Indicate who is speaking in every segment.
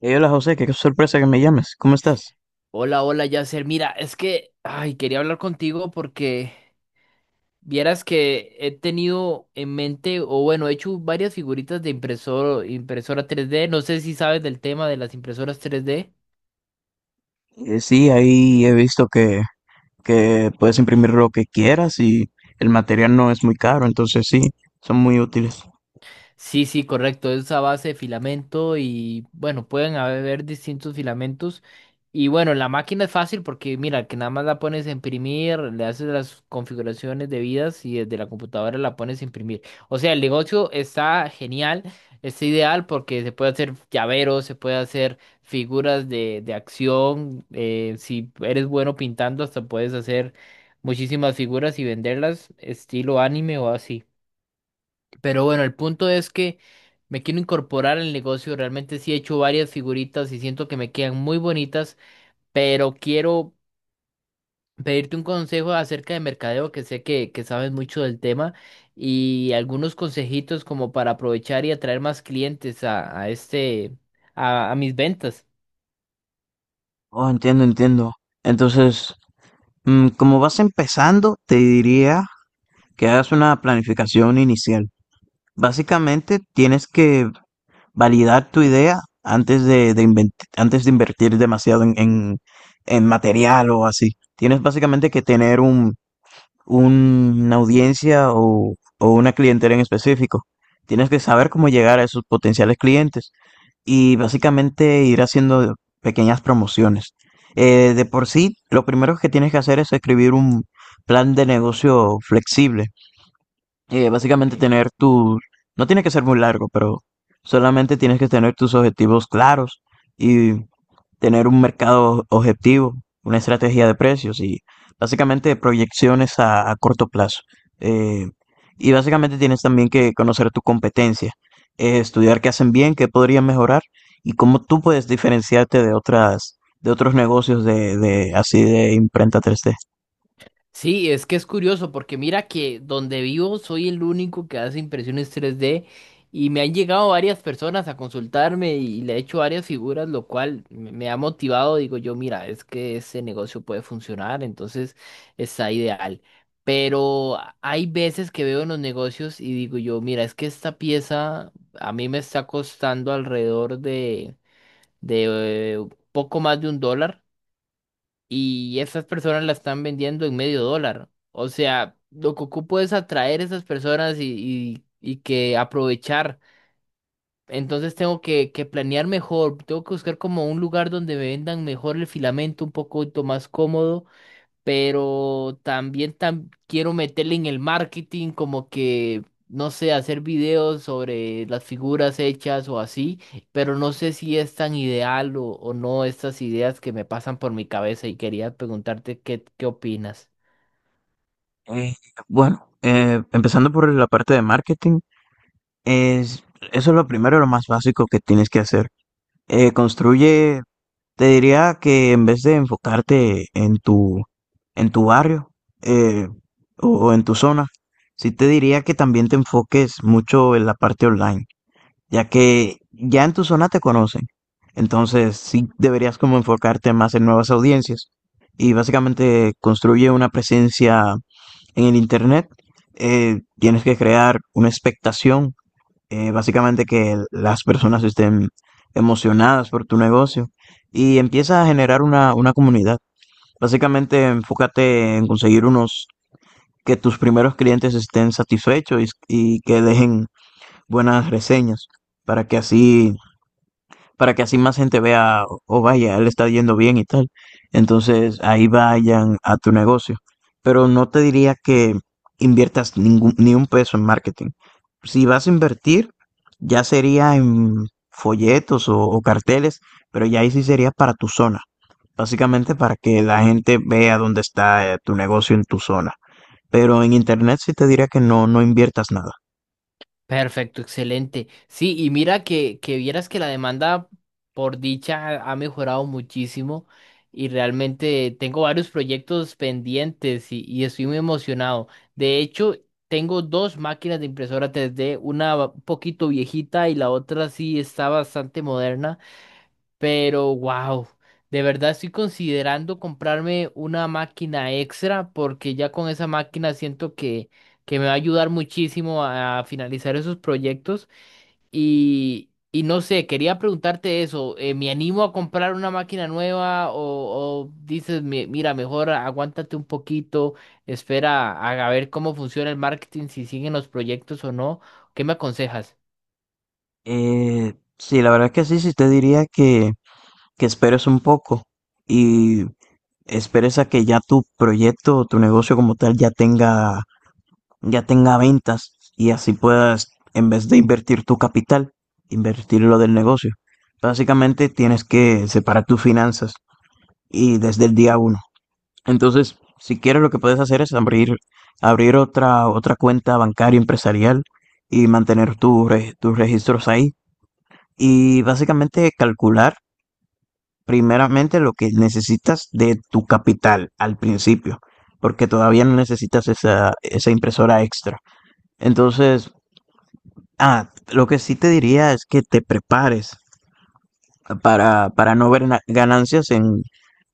Speaker 1: Hey, hola José, qué sorpresa que me llames. ¿Cómo estás?
Speaker 2: Hola, Yasser. Mira, es que, ay, quería hablar contigo porque vieras que he tenido en mente, o bueno, he hecho varias figuritas de impresora tres d. No sé si sabes del tema de las impresoras tres d.
Speaker 1: Sí, ahí he visto que puedes imprimir lo que quieras y el material no es muy caro, entonces sí, son muy útiles.
Speaker 2: Sí, sí, correcto. Es a base de filamento y bueno, pueden haber distintos filamentos. Y bueno, la máquina es fácil porque mira, que nada más la pones a imprimir, le haces las configuraciones debidas y desde la computadora la pones a imprimir. O sea, el negocio está genial, está ideal porque se puede hacer llaveros, se puede hacer figuras de acción. Si eres bueno pintando, hasta puedes hacer muchísimas figuras y venderlas estilo anime o así. Pero bueno, el punto es que me quiero incorporar al negocio. Realmente sí he hecho varias figuritas y siento que me quedan muy bonitas, pero quiero pedirte un consejo acerca de mercadeo, que sé que sabes mucho del tema, y algunos consejitos como para aprovechar y atraer más clientes a mis ventas.
Speaker 1: Oh, entiendo, entiendo. Entonces, como vas empezando, te diría que hagas una planificación inicial. Básicamente, tienes que validar tu idea antes de antes de invertir demasiado en en material o así. Tienes básicamente que tener una audiencia o una clientela en específico. Tienes que saber cómo llegar a esos potenciales clientes y básicamente ir haciendo pequeñas promociones. De por sí, lo primero que tienes que hacer es escribir un plan de negocio flexible,
Speaker 2: Ok.
Speaker 1: básicamente tener tu, no tiene que ser muy largo, pero solamente tienes que tener tus objetivos claros y tener un mercado objetivo, una estrategia de precios y básicamente proyecciones a corto plazo. Eh, y básicamente tienes también que conocer tu competencia, estudiar qué hacen bien, qué podrían mejorar y cómo tú puedes diferenciarte de otras, de otros negocios de así de imprenta tres d.
Speaker 2: Sí, es que es curioso porque mira que donde vivo soy el único que hace impresiones 3D y me han llegado varias personas a consultarme y le he hecho varias figuras, lo cual me ha motivado. Digo yo, mira, es que ese negocio puede funcionar, entonces está ideal. Pero hay veces que veo en los negocios y digo yo, mira, es que esta pieza a mí me está costando alrededor de poco más de un dólar y esas personas la están vendiendo en medio dólar. O sea, lo que ocupo es atraer a esas personas y que aprovechar. Entonces tengo que planear mejor, tengo que buscar como un lugar donde me vendan mejor el filamento, un poco más cómodo, pero también quiero meterle en el marketing como que, no sé, hacer videos sobre las figuras hechas o así, pero no sé si es tan ideal o no estas ideas que me pasan por mi cabeza y quería preguntarte qué opinas.
Speaker 1: Eh, bueno, Empezando por la parte de marketing, es, eso es lo primero, lo más básico que tienes que hacer. Construye, te diría que en vez de enfocarte en tu barrio, eh, o en tu zona, sí te diría que también te enfoques mucho en la parte online, ya que ya en tu zona te conocen. Entonces sí deberías como enfocarte más en nuevas audiencias y básicamente construye una presencia en el internet. Tienes que crear una expectación, básicamente que las personas estén emocionadas por tu negocio y empieza a generar una comunidad. Básicamente enfócate en conseguir unos, que tus primeros clientes estén satisfechos y que dejen buenas reseñas para que así, para que así más gente vea, oh vaya, él está yendo bien y tal. Entonces ahí vayan a tu negocio. Pero no te diría que inviertas ningún, ni un peso en marketing. Si vas a invertir, ya sería en folletos o carteles, pero ya ahí sí sería para tu zona. Básicamente para que la gente vea dónde está, tu negocio en tu zona. Pero en internet sí te diría que no, no inviertas nada.
Speaker 2: Perfecto, excelente. Sí, y mira que vieras que la demanda por dicha ha mejorado muchísimo y realmente tengo varios proyectos pendientes y estoy muy emocionado. De hecho, tengo dos máquinas de impresora 3D, una un poquito viejita y la otra sí está bastante moderna. Pero wow, de verdad estoy considerando comprarme una máquina extra porque ya con esa máquina siento que me va a ayudar muchísimo a finalizar esos proyectos. Y no sé, quería preguntarte eso, ¿me animo a comprar una máquina nueva o dices, mira, mejor aguántate un poquito, espera a ver cómo funciona el marketing, si siguen los proyectos o no"? ¿Qué me aconsejas?
Speaker 1: Sí, la verdad es que sí, sí te diría que esperes un poco y esperes a que ya tu proyecto o tu negocio como tal ya tenga ventas y así puedas, en vez de invertir tu capital, invertir lo del negocio. Básicamente tienes que separar tus finanzas y desde el día uno. Entonces, si quieres lo que puedes hacer es abrir, abrir otra, otra cuenta bancaria empresarial y mantener tus registros ahí y básicamente calcular primeramente lo que necesitas de tu capital al principio, porque todavía no necesitas esa, esa impresora extra. Entonces, lo que sí te diría es que te prepares para no ver ganancias en,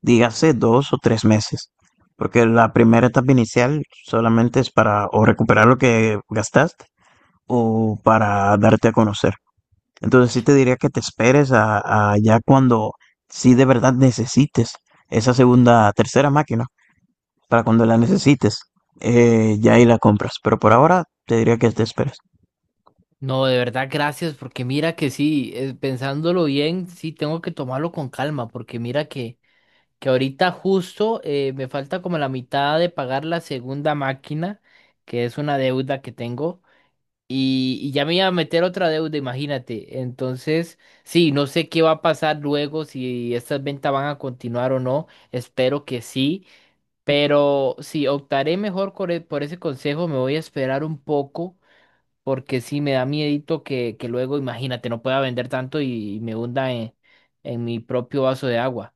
Speaker 1: dígase, dos o tres meses, porque la primera etapa inicial solamente es para o recuperar lo que gastaste o para darte a conocer. Entonces sí te diría que te esperes a ya cuando sí de verdad necesites esa segunda, tercera máquina, para cuando la necesites, ya ahí la compras. Pero por ahora te diría que te esperes.
Speaker 2: No, de verdad, gracias, porque mira que sí, pensándolo bien, sí tengo que tomarlo con calma, porque mira que ahorita justo me falta como la mitad de pagar la segunda máquina, que es una deuda que tengo, y ya me iba a meter otra deuda, imagínate. Entonces, sí, no sé qué va a pasar luego, si estas ventas van a continuar o no, espero que sí, pero sí, optaré mejor por, por ese consejo, me voy a esperar un poco porque sí me da miedito que luego, imagínate, no pueda vender tanto y me hunda en mi propio vaso de agua.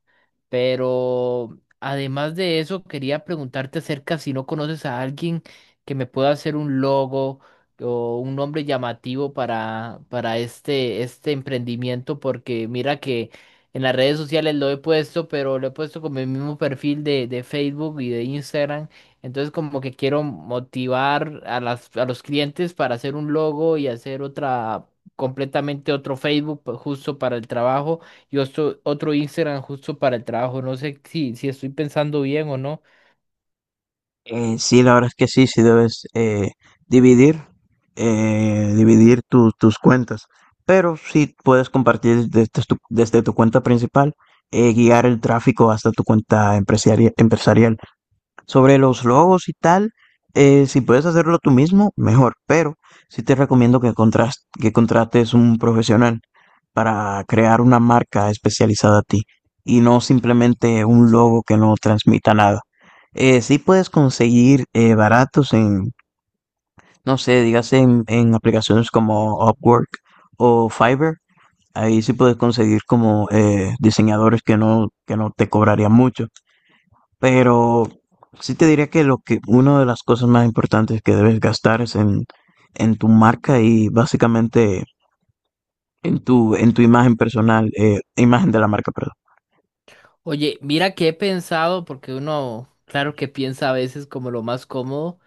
Speaker 2: Pero además de eso, quería preguntarte acerca si no conoces a alguien que me pueda hacer un logo o un nombre llamativo para este emprendimiento, porque mira que en las redes sociales lo he puesto, pero lo he puesto con mi mismo perfil de Facebook y de Instagram. Entonces como que quiero motivar a a los clientes para hacer un logo y hacer completamente otro Facebook justo para el trabajo y otro Instagram justo para el trabajo. No sé si estoy pensando bien o no.
Speaker 1: Sí, la verdad es que sí, sí debes, dividir, dividir tus cuentas. Pero sí puedes compartir desde tu cuenta principal, guiar el tráfico hasta tu cuenta empresarial. Sobre los logos y tal, si puedes hacerlo tú mismo, mejor, pero sí te recomiendo que contrates un profesional para crear una marca especializada a ti y no simplemente un logo que no transmita nada. Sí puedes conseguir, baratos en, no sé, dígase en aplicaciones como Upwork o Fiverr. Ahí sí puedes conseguir como, diseñadores que no te cobrarían mucho. Pero sí te diría que lo que una de las cosas más importantes que debes gastar es en tu marca y básicamente en tu imagen personal, imagen de la marca, perdón.
Speaker 2: Oye, mira que he pensado, porque uno, claro que piensa a veces como lo más cómodo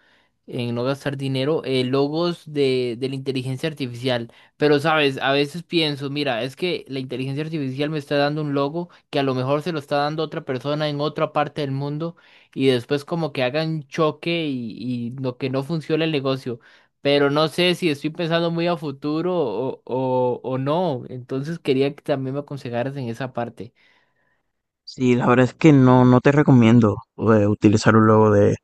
Speaker 2: en no gastar dinero, logos de la inteligencia artificial. Pero, sabes, a veces pienso, mira, es que la inteligencia artificial me está dando un logo que a lo mejor se lo está dando otra persona en otra parte del mundo y después como que hagan choque y lo que no funciona el negocio. Pero no sé si estoy pensando muy a futuro o no. Entonces quería que también me aconsejaras en esa parte.
Speaker 1: Sí, la verdad es que no, no te recomiendo, utilizar un logo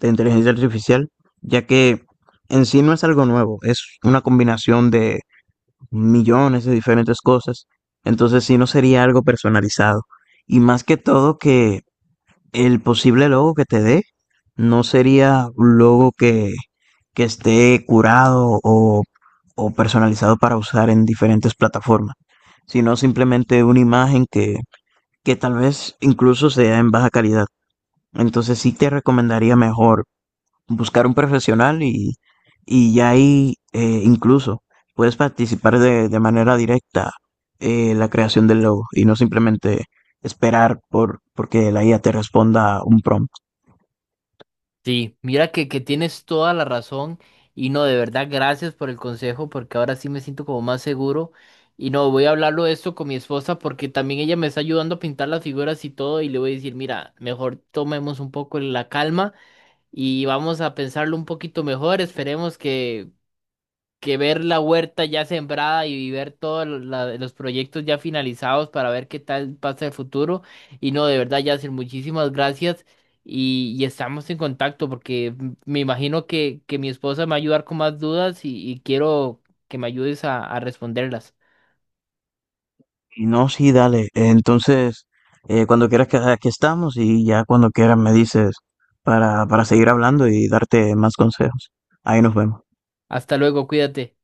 Speaker 1: de inteligencia artificial, ya que en sí no es algo nuevo, es una combinación de millones de diferentes cosas. Entonces sí no sería algo personalizado. Y más que todo que el posible logo que te dé no sería un logo que esté curado o personalizado para usar en diferentes plataformas, sino simplemente una imagen que tal vez incluso sea en baja calidad. Entonces sí te recomendaría mejor buscar un profesional y ya ahí, incluso puedes participar de manera directa, la creación del logo y no simplemente esperar por porque la IA te responda un prompt.
Speaker 2: Sí, mira que tienes toda la razón y no, de verdad, gracias por el consejo porque ahora sí me siento como más seguro y no, voy a hablarlo de esto con mi esposa porque también ella me está ayudando a pintar las figuras y todo y le voy a decir, mira, mejor tomemos un poco la calma y vamos a pensarlo un poquito mejor, esperemos que ver la huerta ya sembrada y ver todos los proyectos ya finalizados para ver qué tal pasa el futuro. Y no, de verdad, Yacir, muchísimas gracias y estamos en contacto porque me imagino que mi esposa me va a ayudar con más dudas y quiero que me ayudes a responderlas.
Speaker 1: Y no, sí, dale. Entonces, cuando quieras que aquí estamos y ya cuando quieras me dices para seguir hablando y darte más consejos. Ahí nos vemos.
Speaker 2: Hasta luego, cuídate.